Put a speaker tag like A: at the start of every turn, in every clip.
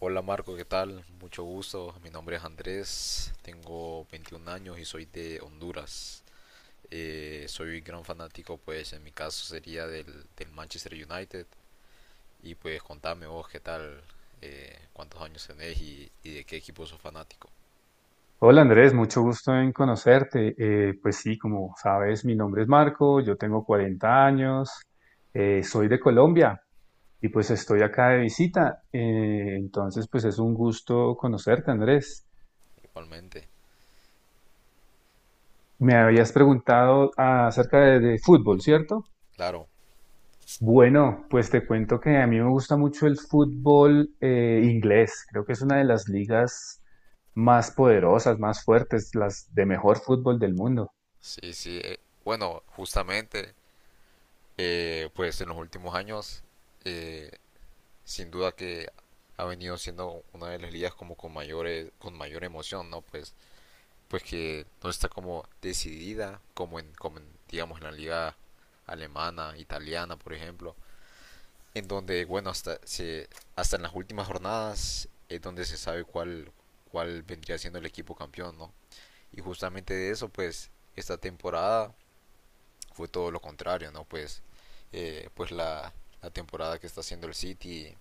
A: Hola Marco, ¿qué tal? Mucho gusto. Mi nombre es Andrés, tengo 21 años y soy de Honduras. Soy gran fanático, pues en mi caso sería del Manchester United. Y pues contame vos qué tal, cuántos años tenés y de qué equipo sos fanático.
B: Hola Andrés, mucho gusto en conocerte. Pues sí, como sabes, mi nombre es Marco, yo tengo 40 años, soy de Colombia y pues estoy acá de visita. Entonces, pues es un gusto conocerte, Andrés.
A: Igualmente.
B: Me
A: Igual.
B: habías preguntado acerca de fútbol, ¿cierto?
A: Claro,
B: Bueno, pues te cuento que a mí me gusta mucho el fútbol inglés. Creo que es una de las ligas más poderosas, más fuertes, las de mejor fútbol del mundo.
A: sí, sí. Bueno, Justamente, pues en los últimos años eh, sin duda que ha venido siendo una de las ligas como con con mayor emoción, ¿no? Pues que no está como decidida digamos, en la liga alemana, italiana, por ejemplo, en donde, hasta en las últimas jornadas es donde se sabe cuál vendría siendo el equipo campeón, ¿no? Y justamente de eso, pues, esta temporada fue todo lo contrario, ¿no? Eh, pues la, la temporada que está haciendo el City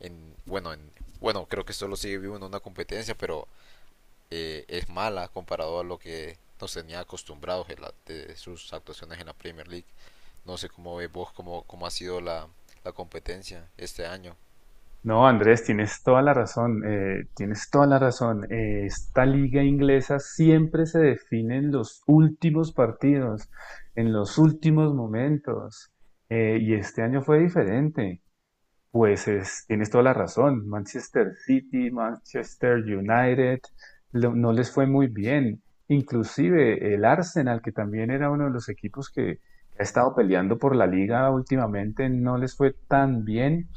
A: en bueno, en, bueno, creo que solo sigue vivo en una competencia, pero es mala comparado a lo que nos tenía acostumbrados en de sus actuaciones en la Premier League. No sé cómo ves vos, cómo ha sido la competencia este año.
B: No, Andrés, tienes toda la razón, tienes toda la razón. Esta liga inglesa siempre se define en los últimos partidos, en los últimos momentos. Y este año fue diferente. Pues tienes toda la razón. Manchester City, Manchester United, no les fue muy bien. Inclusive el Arsenal, que también era uno de los equipos que ha estado peleando por la liga últimamente, no les fue tan bien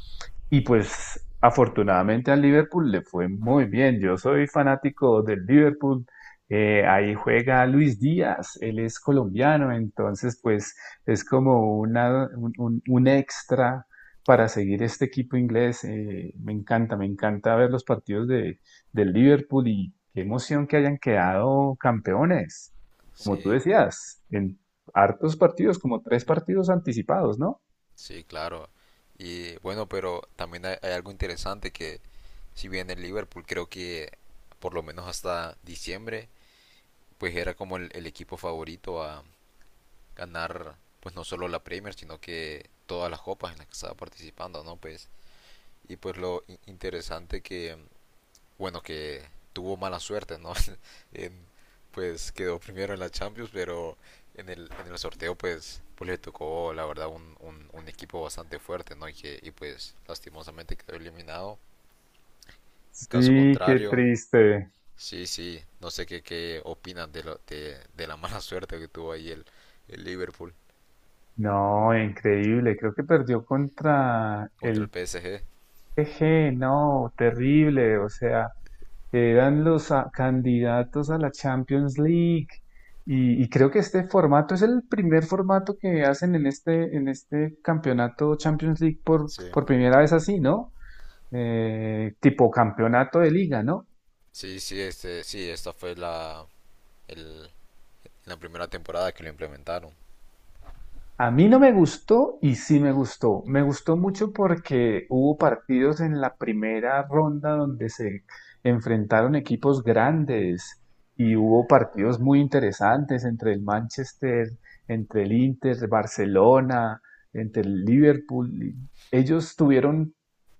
B: y pues afortunadamente al Liverpool le fue muy bien. Yo soy fanático del Liverpool. Ahí juega Luis Díaz, él es colombiano, entonces pues es como un extra para seguir este equipo inglés. Me encanta ver los partidos del Liverpool y qué emoción que hayan quedado campeones. Como tú
A: Sí,
B: decías, en hartos partidos, como tres partidos anticipados, ¿no?
A: sí, claro. Y bueno, pero también hay algo interesante que si bien el Liverpool creo que por lo menos hasta diciembre, pues era como el equipo favorito a ganar pues no solo la Premier, sino que todas las copas en las que estaba participando, ¿no? Pues lo interesante que bueno que tuvo mala suerte, ¿no? En- pues quedó primero en la Champions, pero en el sorteo pues le tocó la verdad un equipo bastante fuerte, ¿no? Y pues lastimosamente quedó eliminado. Caso
B: Sí, qué
A: contrario,
B: triste.
A: sí, sí, no sé qué opinan de, de la mala suerte que tuvo ahí el Liverpool
B: No, increíble. Creo que perdió contra
A: contra el
B: el
A: PSG.
B: P G. No, terrible. O sea, eran los candidatos a la Champions League. Y creo que este formato es el primer formato que hacen en este campeonato Champions League
A: Sí.
B: por primera vez así, ¿no? Tipo campeonato de liga, ¿no?
A: Sí, sí, este, sí, esta fue la, el- La primera temporada que lo implementaron.
B: A mí no me gustó y sí me gustó. Me gustó mucho porque hubo partidos en la primera ronda donde se enfrentaron equipos grandes y hubo partidos muy interesantes entre el Manchester, entre el Inter, Barcelona, entre el Liverpool. Ellos tuvieron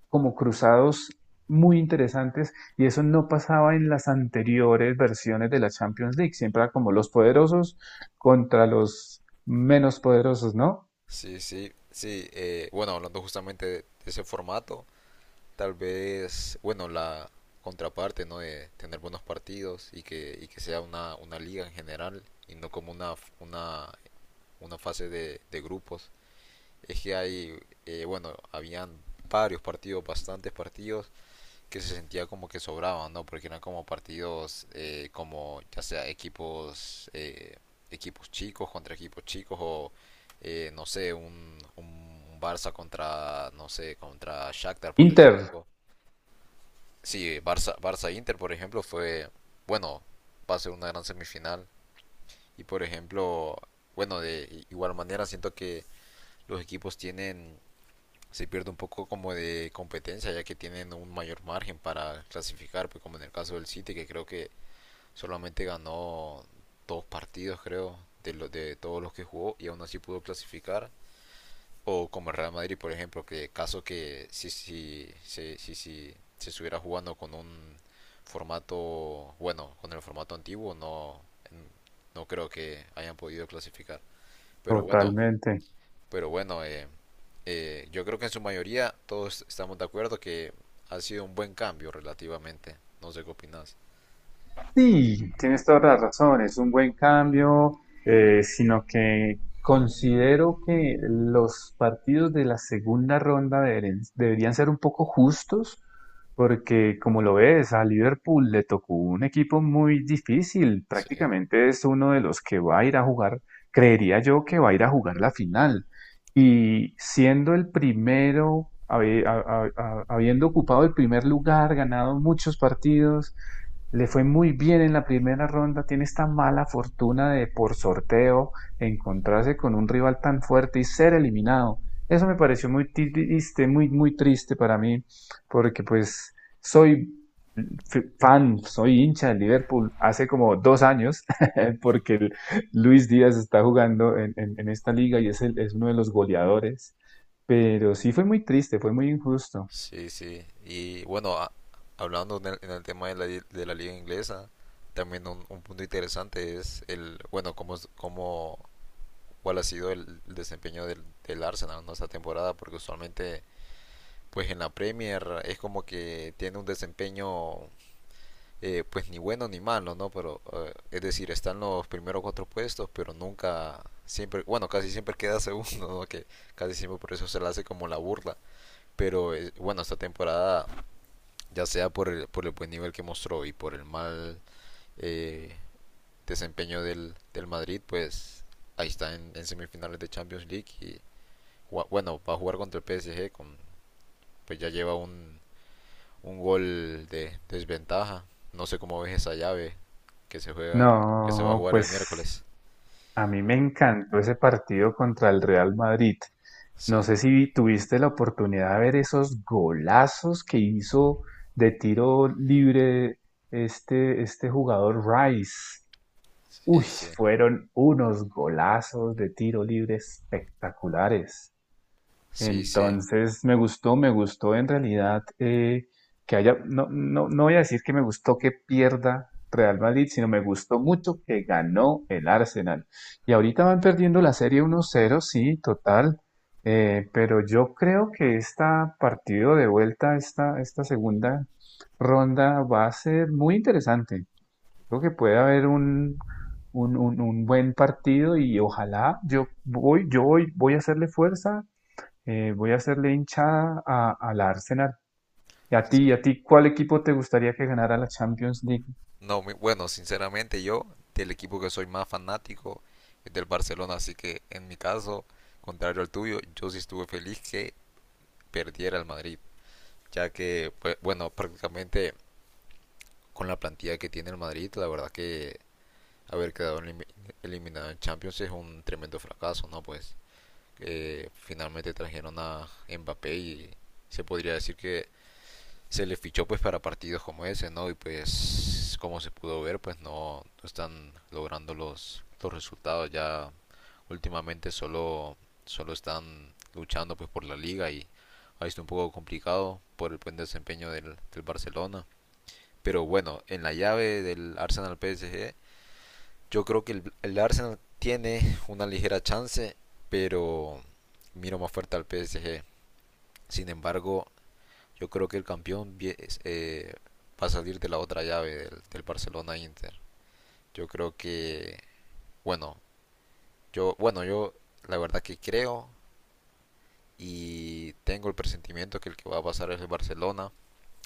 B: como cruzados muy interesantes y eso no pasaba en las anteriores versiones de la Champions League. Siempre era como los poderosos contra los menos poderosos, ¿no?
A: Sí, sí, sí. Bueno, hablando justamente de ese formato, tal vez, bueno, la contraparte, ¿no? De tener buenos partidos y y que sea una liga en general y no como una, una fase de grupos. Es que hay, bueno, habían varios partidos, bastantes partidos que se sentía como que sobraban, ¿no? Porque eran como partidos, como ya sea equipos, equipos chicos contra equipos chicos o no sé, un Barça contra, no sé, contra Shakhtar por decir
B: Inter,
A: algo. Sí, Barça Inter, por ejemplo, fue, bueno, va a ser una gran semifinal. Y por ejemplo, bueno, de igual manera siento que los equipos tienen se pierde un poco como de competencia, ya que tienen un mayor margen para clasificar, pues como en el caso del City, que creo que solamente ganó dos partidos, creo, de todos los que jugó y aún así pudo clasificar. O como el Real Madrid, por ejemplo, que caso que si se estuviera jugando con un formato, bueno, con el formato antiguo, no creo que hayan podido clasificar. Pero bueno,
B: totalmente.
A: pero bueno, eh, yo creo que en su mayoría todos estamos de acuerdo que ha sido un buen cambio relativamente. No sé qué opinas.
B: Sí, tienes toda la razón, es un buen cambio, sino que considero que los partidos de la segunda ronda deberían ser un poco justos, porque como lo ves, a Liverpool le tocó un equipo muy difícil,
A: Sí,
B: prácticamente es uno de los que va a ir a jugar, creería yo que va a ir a jugar la final, y siendo el primero, habiendo ocupado el primer lugar, ganado muchos partidos, le fue muy bien en la primera ronda, tiene esta mala fortuna de por sorteo encontrarse con un rival tan fuerte y ser eliminado. Eso me pareció muy triste, muy, muy triste para mí, porque pues soy fan, soy hincha del Liverpool hace como dos años, porque el Luis Díaz está jugando en, en esta liga y es, es uno de los goleadores, pero sí fue muy triste, fue muy injusto.
A: sí, sí. Hablando en el tema de la liga inglesa, también un punto interesante es el, cómo, cuál ha sido el desempeño del Arsenal en esta temporada, porque usualmente, pues en la Premier es como que tiene un desempeño pues ni bueno ni malo, ¿no? Pero es decir, están los primeros cuatro puestos, pero nunca, siempre, bueno, casi siempre queda segundo, ¿no? Que casi siempre por eso se le hace como la burla. Pero bueno, esta temporada, ya sea por por el buen nivel que mostró y por el mal eh, desempeño del Madrid, pues ahí está en semifinales de Champions League y bueno, va a jugar contra el PSG, con, pues ya lleva un gol de desventaja. No sé cómo ves esa llave que se juega, que se va a
B: No,
A: jugar el
B: pues
A: miércoles.
B: a mí me encantó ese partido contra el Real Madrid.
A: Sí,
B: No sé si tuviste la oportunidad de ver esos golazos que hizo de tiro libre este jugador Rice. Uy,
A: sí, sí,
B: fueron unos golazos de tiro libre espectaculares.
A: sí, sí.
B: Entonces me gustó en realidad que haya, no, no, no voy a decir que me gustó que pierda Real Madrid, sino me gustó mucho que ganó el Arsenal. Y ahorita van perdiendo la serie uno cero, sí, total, pero yo creo que esta partido de vuelta, esta segunda ronda va a ser muy interesante. Creo que puede haber un buen partido y ojalá voy a hacerle fuerza voy a hacerle hinchada a, al Arsenal.
A: sí.
B: Y a ti, cuál equipo te gustaría que ganara la Champions League?
A: No, bueno, sinceramente yo del equipo que soy más fanático es del Barcelona, así que en mi caso, contrario al tuyo, yo sí estuve feliz que perdiera el Madrid, ya que, pues, bueno, prácticamente con la plantilla que tiene el Madrid, la verdad que haber quedado eliminado en Champions es un tremendo fracaso, ¿no? Pues finalmente trajeron a Mbappé y se podría decir que se le fichó pues para partidos como ese, ¿no? Y pues como se pudo ver, pues no están logrando los resultados ya últimamente solo están luchando pues por la liga y ha sido un poco complicado por el buen desempeño del Barcelona. Pero bueno, en la llave del Arsenal PSG yo creo que el Arsenal tiene una ligera chance, pero miro más fuerte al PSG. Sin embargo, yo creo que el campeón eh, va a salir de la otra llave del Barcelona Inter. Yo creo que, bueno, yo, bueno, yo La verdad que creo y tengo el presentimiento que el que va a pasar es el Barcelona.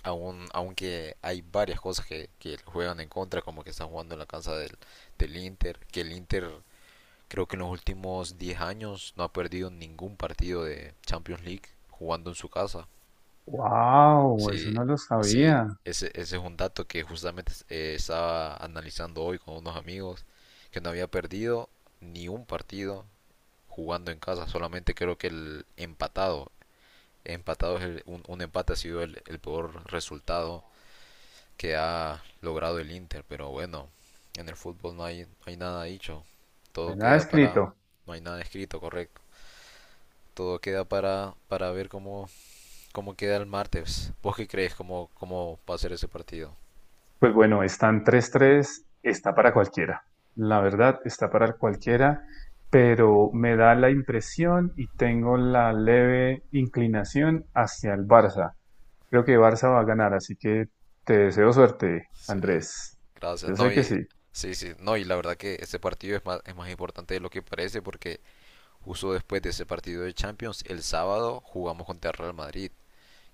A: Aunque hay varias cosas que juegan en contra, como que están jugando en la casa del Inter, que el Inter creo que en los últimos 10 años no ha perdido ningún partido de Champions League jugando en su casa.
B: ¡Wow! Eso
A: Sí,
B: no lo sabía.
A: ese es un dato que justamente estaba analizando hoy con unos amigos, que no había perdido ni un partido jugando en casa, solamente creo que empatado un empate ha sido el peor resultado que ha logrado el Inter, pero bueno, en el fútbol no hay nada dicho, todo
B: Nada
A: queda para,
B: escrito.
A: no hay nada escrito, correcto. Todo queda para ver cómo queda el martes. ¿Vos qué crees cómo, cómo va a ser ese partido?
B: Pues bueno, están tres tres está para cualquiera. La verdad, está para cualquiera, pero me da la impresión y tengo la leve inclinación hacia el Barça. Creo que Barça va a ganar, así que te deseo suerte,
A: Sí,
B: Andrés.
A: gracias.
B: Yo
A: No,
B: sé que
A: y
B: sí.
A: sí, sí, no, y la verdad que ese partido es es más importante de lo que parece porque justo después de ese partido de Champions, el sábado jugamos contra el Real Madrid,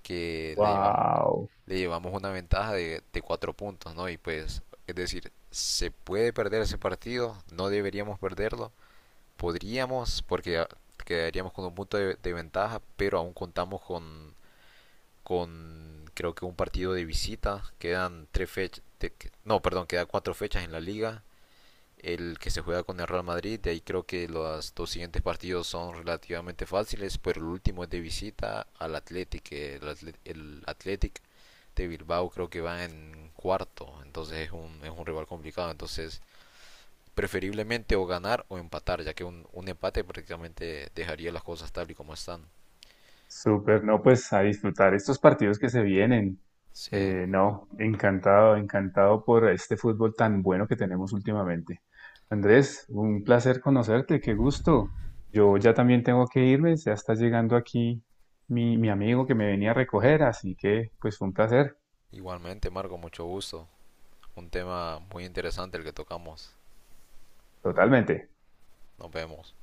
A: que
B: ¡Wow!
A: le llevamos una ventaja de 4 puntos, ¿no? Y pues, es decir, se puede perder ese partido, no deberíamos perderlo, podríamos, porque quedaríamos con un punto de ventaja, pero aún contamos con creo que un partido de visita. Quedan tres fechas, de, no, perdón, Quedan 4 fechas en la liga. El que se juega con el Real Madrid, de ahí creo que los dos siguientes partidos son relativamente fáciles, pero el último es de visita al Athletic. El Athletic de Bilbao creo que va en cuarto, entonces es es un rival complicado. Entonces preferiblemente o ganar o empatar, ya que un empate prácticamente dejaría las cosas tal y como están.
B: Súper, no, pues a disfrutar estos partidos que se vienen.
A: Sí,
B: No, encantado, encantado por este fútbol tan bueno que tenemos últimamente. Andrés, un placer conocerte, qué gusto. Yo ya
A: igual-
B: también tengo que irme, ya está llegando aquí mi amigo que me venía a recoger, así que pues fue un placer,
A: igualmente Marco, mucho gusto. Un tema muy interesante el que tocamos.
B: totalmente.
A: Nos vemos.